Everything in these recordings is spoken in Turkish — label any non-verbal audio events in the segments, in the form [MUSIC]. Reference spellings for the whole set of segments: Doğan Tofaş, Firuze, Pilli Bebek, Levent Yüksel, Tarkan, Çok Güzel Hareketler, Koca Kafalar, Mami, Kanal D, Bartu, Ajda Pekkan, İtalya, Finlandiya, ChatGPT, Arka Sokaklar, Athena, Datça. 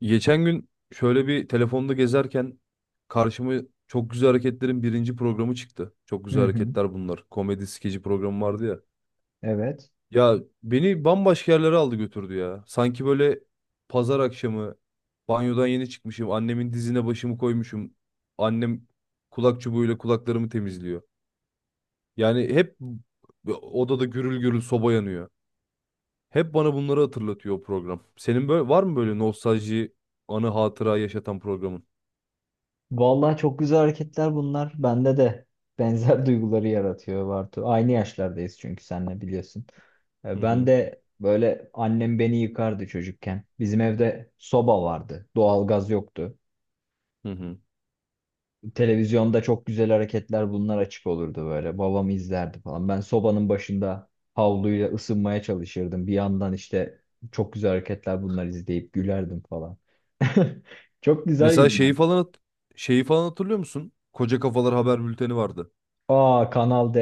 Geçen gün şöyle bir telefonda gezerken karşıma Çok Güzel Hareketler'in birinci programı çıktı. Çok Hı Güzel hı. Hareketler bunlar. Komedi skeci programı vardı ya. Evet. Ya beni bambaşka yerlere aldı götürdü ya. Sanki böyle pazar akşamı banyodan yeni çıkmışım. Annemin dizine başımı koymuşum. Annem kulak çubuğuyla kulaklarımı temizliyor. Yani hep odada gürül gürül soba yanıyor. Hep bana bunları hatırlatıyor o program. Senin böyle var mı böyle nostalji, anı hatıra yaşatan programın? Vallahi çok güzel hareketler bunlar. Bende de benzer [LAUGHS] duyguları yaratıyor Bartu. Aynı yaşlardayız çünkü senle biliyorsun. Hı Ben hı. de böyle annem beni yıkardı çocukken. Bizim evde soba vardı. Doğalgaz yoktu. Hı hı. Televizyonda çok güzel hareketler bunlar açık olurdu böyle. Babam izlerdi falan. Ben sobanın başında havluyla ısınmaya çalışırdım. Bir yandan işte çok güzel hareketler bunlar izleyip gülerdim falan. [LAUGHS] Çok güzel Mesela günler. Şeyi falan hatırlıyor musun? Koca Kafalar haber bülteni vardı. Aa, Kanal D.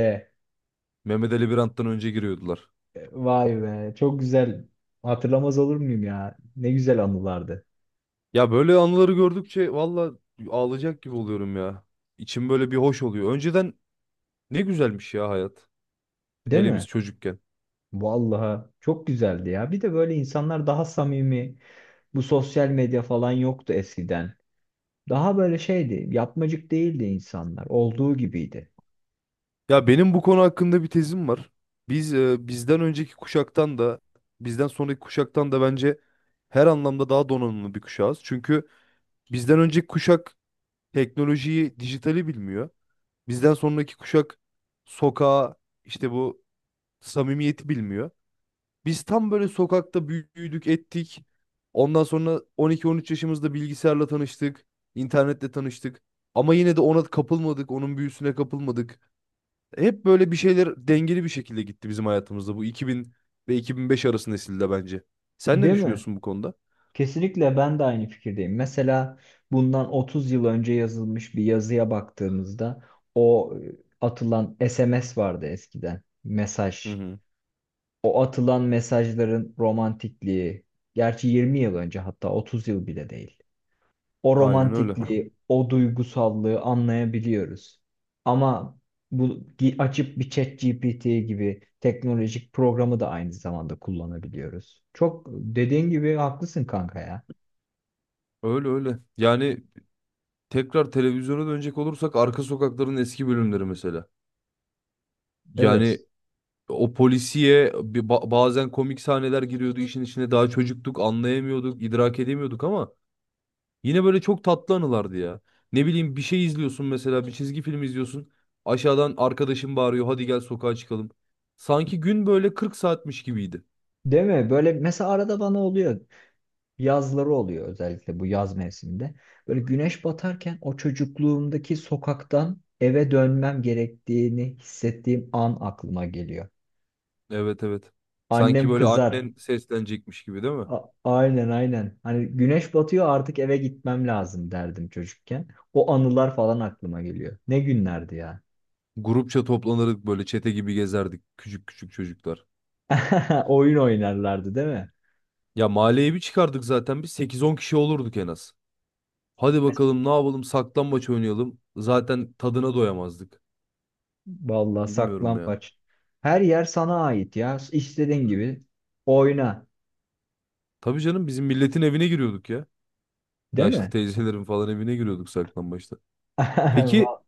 Mehmet Ali Birand'dan önce giriyordular. Vay be, çok güzel. Hatırlamaz olur muyum ya? Ne güzel anılardı. Ya böyle anıları gördükçe valla ağlayacak gibi oluyorum ya. İçim böyle bir hoş oluyor. Önceden ne güzelmiş ya hayat. Değil Hele biz mi? çocukken. Vallahi çok güzeldi ya. Bir de böyle insanlar daha samimi. Bu sosyal medya falan yoktu eskiden. Daha böyle şeydi, yapmacık değildi insanlar. Olduğu gibiydi. Ya benim bu konu hakkında bir tezim var. Biz bizden önceki kuşaktan da bizden sonraki kuşaktan da bence her anlamda daha donanımlı bir kuşağız. Çünkü bizden önceki kuşak teknolojiyi, dijitali bilmiyor. Bizden sonraki kuşak sokağa işte bu samimiyeti bilmiyor. Biz tam böyle sokakta büyüdük ettik. Ondan sonra 12-13 yaşımızda bilgisayarla tanıştık. İnternetle tanıştık. Ama yine de ona kapılmadık. Onun büyüsüne kapılmadık. Hep böyle bir şeyler dengeli bir şekilde gitti bizim hayatımızda. Bu 2000 ve 2005 arası nesilde bence. Sen ne Değil mi? düşünüyorsun bu konuda? Kesinlikle ben de aynı fikirdeyim. Mesela bundan 30 yıl önce yazılmış bir yazıya baktığımızda o e, atılan SMS vardı eskiden. Hı Mesaj. hı. O atılan mesajların romantikliği, gerçi 20 yıl önce, hatta 30 yıl bile değil. O Aynen öyle. romantikliği, o duygusallığı anlayabiliyoruz. Ama bu açıp bir ChatGPT gibi teknolojik programı da aynı zamanda kullanabiliyoruz. Çok dediğin gibi haklısın kanka ya. Öyle öyle. Yani tekrar televizyona dönecek olursak arka sokakların eski bölümleri mesela. Evet. Yani o polisiye bazen komik sahneler giriyordu işin içine. Daha çocuktuk, anlayamıyorduk, idrak edemiyorduk ama yine böyle çok tatlı anılardı ya. Ne bileyim bir şey izliyorsun mesela, bir çizgi film izliyorsun. Aşağıdan arkadaşım bağırıyor, hadi gel sokağa çıkalım. Sanki gün böyle 40 saatmiş gibiydi. Değil mi? Böyle mesela arada bana oluyor. Yazları oluyor, özellikle bu yaz mevsiminde. Böyle güneş batarken o çocukluğumdaki sokaktan eve dönmem gerektiğini hissettiğim an aklıma geliyor. Evet, evet. Sanki Annem böyle kızar. annen seslenecekmiş gibi değil mi? Aynen aynen. Hani güneş batıyor artık eve gitmem lazım derdim çocukken. O anılar falan aklıma geliyor. Ne günlerdi ya. Grupça toplanırdık böyle çete gibi gezerdik küçük küçük çocuklar. [LAUGHS] Oyun oynarlardı değil mi? Ya mahalleye bir çıkardık zaten biz 8-10 kişi olurduk en az. Hadi Mes- bakalım ne yapalım saklambaç oynayalım. Zaten tadına doyamazdık. Vallahi Bilmiyorum ya. saklambaç. Her yer sana ait ya. İstediğin gibi oyna, Tabii canım bizim milletin evine giriyorduk ya. değil Yaşlı mi? teyzelerin falan evine giriyorduk saklambaçta. Peki [LAUGHS]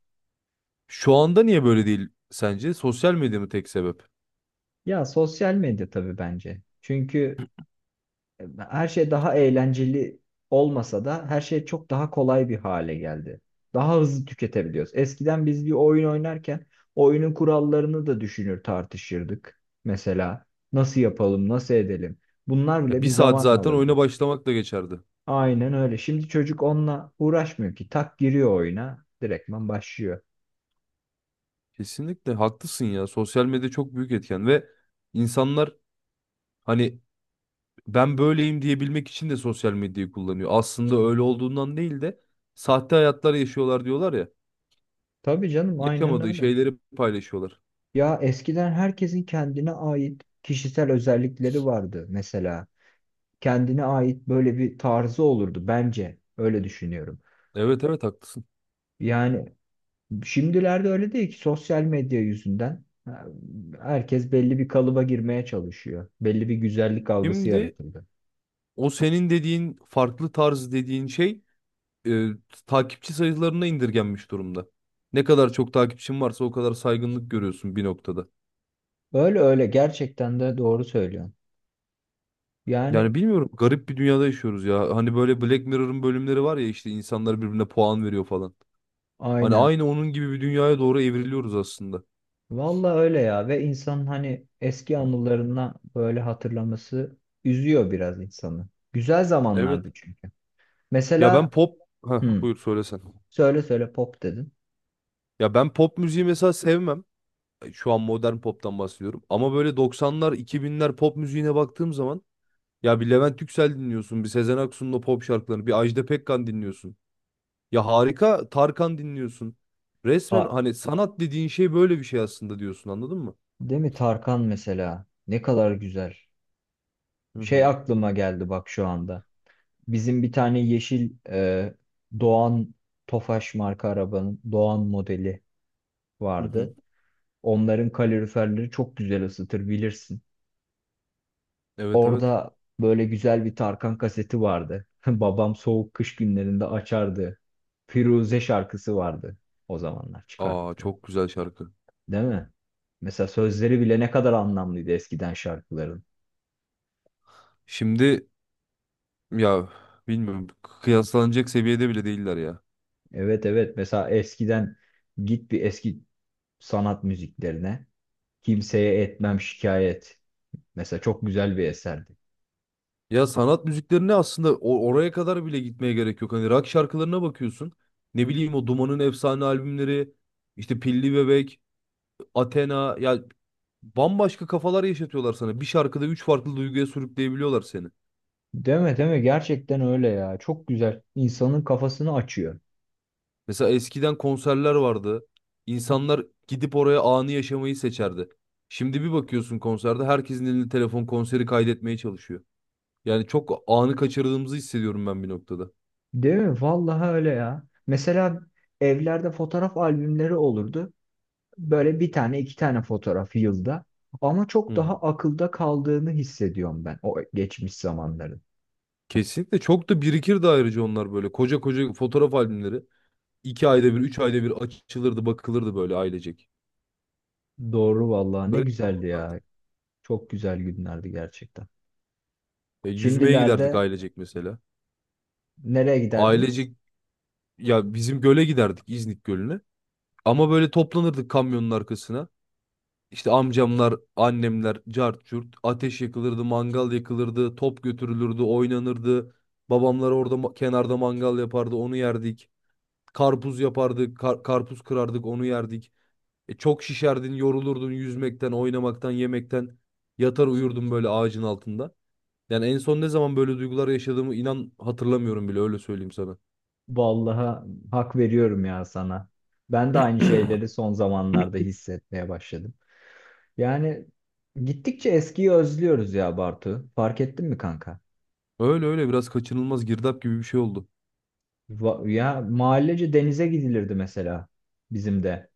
şu anda niye böyle değil sence? Sosyal medya mı tek sebep? Ya sosyal medya tabii bence. Çünkü e, her şey daha eğlenceli olmasa da her şey çok daha kolay bir hale geldi. Daha hızlı tüketebiliyoruz. Eskiden biz bir oyun oynarken oyunun kurallarını da düşünür tartışırdık. Mesela nasıl yapalım, nasıl edelim? Bunlar Ya bile bir bir saat zaman zaten oyuna alırdı. başlamakla geçerdi. Aynen öyle. Şimdi çocuk onunla uğraşmıyor ki. Tak giriyor oyuna, direktman başlıyor. Kesinlikle haklısın ya. Sosyal medya çok büyük etken ve insanlar hani ben böyleyim diyebilmek için de sosyal medyayı kullanıyor. Aslında öyle olduğundan değil de sahte hayatlar yaşıyorlar diyorlar ya. Tabii canım, aynen Yaşamadığı öyle. şeyleri paylaşıyorlar. Ya eskiden herkesin kendine ait kişisel özellikleri vardı mesela. Kendine ait böyle bir tarzı olurdu bence. Öyle düşünüyorum. Evet, evet haklısın. Yani şimdilerde öyle değil ki, sosyal medya yüzünden herkes belli bir kalıba girmeye çalışıyor. Belli bir güzellik algısı Şimdi yaratıldı. o senin dediğin farklı tarz dediğin şey e, takipçi sayılarına indirgenmiş durumda. Ne kadar çok takipçin varsa o kadar saygınlık görüyorsun bir noktada. Öyle öyle, gerçekten de doğru söylüyorsun. Yani Yani bilmiyorum garip bir dünyada yaşıyoruz ya. Hani böyle Black Mirror'ın bölümleri var ya işte insanlar birbirine puan veriyor falan. Hani aynen. aynı onun gibi bir dünyaya doğru evriliyoruz aslında. Vallahi öyle ya, ve insanın hani eski anılarına böyle hatırlaması üzüyor biraz insanı. Güzel Evet. zamanlardı çünkü. Ya Mesela ben pop... Heh, hmm, buyur söylesen. söyle söyle, pop dedin. Ya ben pop müziği mesela sevmem. Şu an modern pop'tan bahsediyorum. Ama böyle 90'lar, 2000'ler pop müziğine baktığım zaman ya bir Levent Yüksel dinliyorsun, bir Sezen Aksu'nun o pop şarkılarını, bir Ajda Pekkan dinliyorsun. Ya harika Tarkan dinliyorsun. Resmen A, hani sanat dediğin şey böyle bir şey aslında diyorsun anladın mı? değil mi Tarkan mesela? Ne kadar güzel. Hı Şey hı. aklıma geldi bak şu anda. Bizim bir tane yeşil Doğan, Tofaş marka arabanın Doğan modeli Hı hı. vardı. Onların kaloriferleri çok güzel ısıtır bilirsin. Evet, evet. Orada böyle güzel bir Tarkan kaseti vardı. [LAUGHS] Babam soğuk kış günlerinde açardı. Firuze şarkısı vardı, o zamanlar Aa çıkarttı. çok güzel şarkı. Değil mi? Mesela sözleri bile ne kadar anlamlıydı eskiden şarkıların. Şimdi ya bilmiyorum kıyaslanacak seviyede bile değiller ya. Evet evet, mesela eskiden git bir eski sanat müziklerine. Kimseye etmem şikayet. Mesela çok güzel bir eserdi. Ya sanat müziklerine aslında oraya kadar bile gitmeye gerek yok. Hani rock şarkılarına bakıyorsun. Ne bileyim o Duman'ın efsane albümleri, işte Pilli Bebek, Athena ya bambaşka kafalar yaşatıyorlar sana. Bir şarkıda üç farklı duyguya sürükleyebiliyorlar seni. Değil mi, değil mi? Gerçekten öyle ya. Çok güzel. İnsanın kafasını açıyor. Mesela eskiden konserler vardı. İnsanlar gidip oraya anı yaşamayı seçerdi. Şimdi bir bakıyorsun konserde herkesin elinde telefon konseri kaydetmeye çalışıyor. Yani çok anı kaçırdığımızı hissediyorum ben bir noktada. Değil mi? Vallahi öyle ya. Mesela evlerde fotoğraf albümleri olurdu. Böyle bir tane iki tane fotoğraf yılda. Ama Hı çok hı. daha akılda kaldığını hissediyorum ben o geçmiş zamanların. Kesinlikle çok da birikir de ayrıca onlar böyle. Koca koca fotoğraf albümleri. İki ayda bir, üç ayda bir açılırdı, bakılırdı böyle ailecek. Doğru vallahi, ne Garip güzeldi zamanlardı. ya. Çok güzel günlerdi gerçekten. Yüzmeye giderdik Şimdilerde ailecek mesela. nereye giderdiniz? Ailecek ya bizim göle giderdik İznik Gölü'ne. Ama böyle toplanırdık kamyonun arkasına. İşte amcamlar, annemler, cart curt. Ateş yakılırdı, mangal yakılırdı, top götürülürdü, oynanırdı. Babamlar orada kenarda mangal yapardı, onu yerdik. Karpuz yapardık, karpuz kırardık, onu yerdik. Çok şişerdin, yorulurdun yüzmekten, oynamaktan, yemekten. Yatar uyurdun böyle ağacın altında. Yani en son ne zaman böyle duygular yaşadığımı inan hatırlamıyorum bile öyle söyleyeyim sana. Vallahi hak veriyorum ya sana. Ben de aynı şeyleri son zamanlarda hissetmeye başladım. Yani gittikçe eskiyi özlüyoruz ya Bartu. Fark ettin mi kanka? Öyle öyle biraz kaçınılmaz girdap gibi bir şey oldu. Ya mahallece denize gidilirdi mesela, bizim de.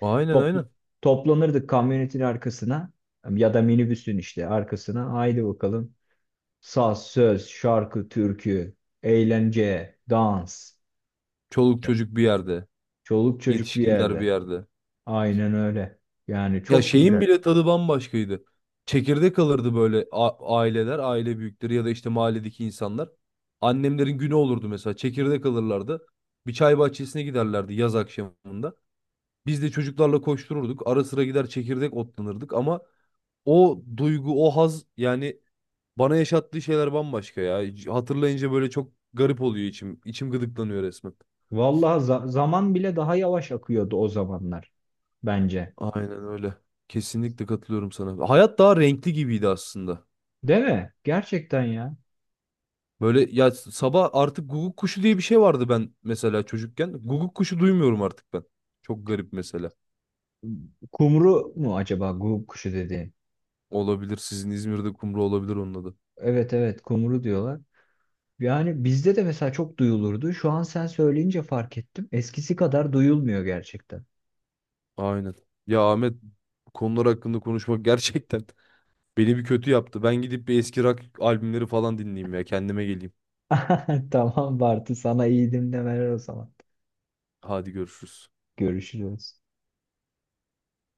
Aynen, Topl- aynen. Toplanırdık kamyonetin arkasına ya da minibüsün işte arkasına. Haydi bakalım. Saz, söz, şarkı, türkü, eğlence, dans. Çoluk çocuk bir yerde, Çoluk çocuk bir yetişkinler bir yerde. yerde. Aynen öyle. Yani Ya çok şeyin güzel. bile tadı bambaşkaydı. Çekirdek alırdı böyle aileler, aile büyükleri ya da işte mahalledeki insanlar. Annemlerin günü olurdu mesela. Çekirdek alırlardı. Bir çay bahçesine giderlerdi yaz akşamında. Biz de çocuklarla koştururduk. Ara sıra gider çekirdek otlanırdık ama o duygu, o haz yani bana yaşattığı şeyler bambaşka ya. Hatırlayınca böyle çok garip oluyor içim. İçim gıdıklanıyor resmen. Vallahi zaman bile daha yavaş akıyordu o zamanlar bence. Aynen öyle. Kesinlikle katılıyorum sana. Hayat daha renkli gibiydi aslında. Değil mi? Gerçekten ya. Böyle ya sabah artık guguk kuşu diye bir şey vardı ben mesela çocukken. Guguk kuşu duymuyorum artık ben. Çok garip mesela. Kumru mu acaba gu kuşu dediğin? Olabilir, sizin İzmir'de kumru olabilir onun adı. Evet evet, kumru diyorlar. Yani bizde de mesela çok duyulurdu. Şu an sen söyleyince fark ettim. Eskisi kadar duyulmuyor gerçekten. Aynen. Ya Ahmet, bu konular hakkında konuşmak [LAUGHS] gerçekten beni bir kötü yaptı. Ben gidip bir eski rock albümleri falan dinleyeyim ya. Kendime geleyim. [LAUGHS] Tamam Bartu, sana iyi dinlemeler o zaman. Hadi görüşürüz. Görüşürüz.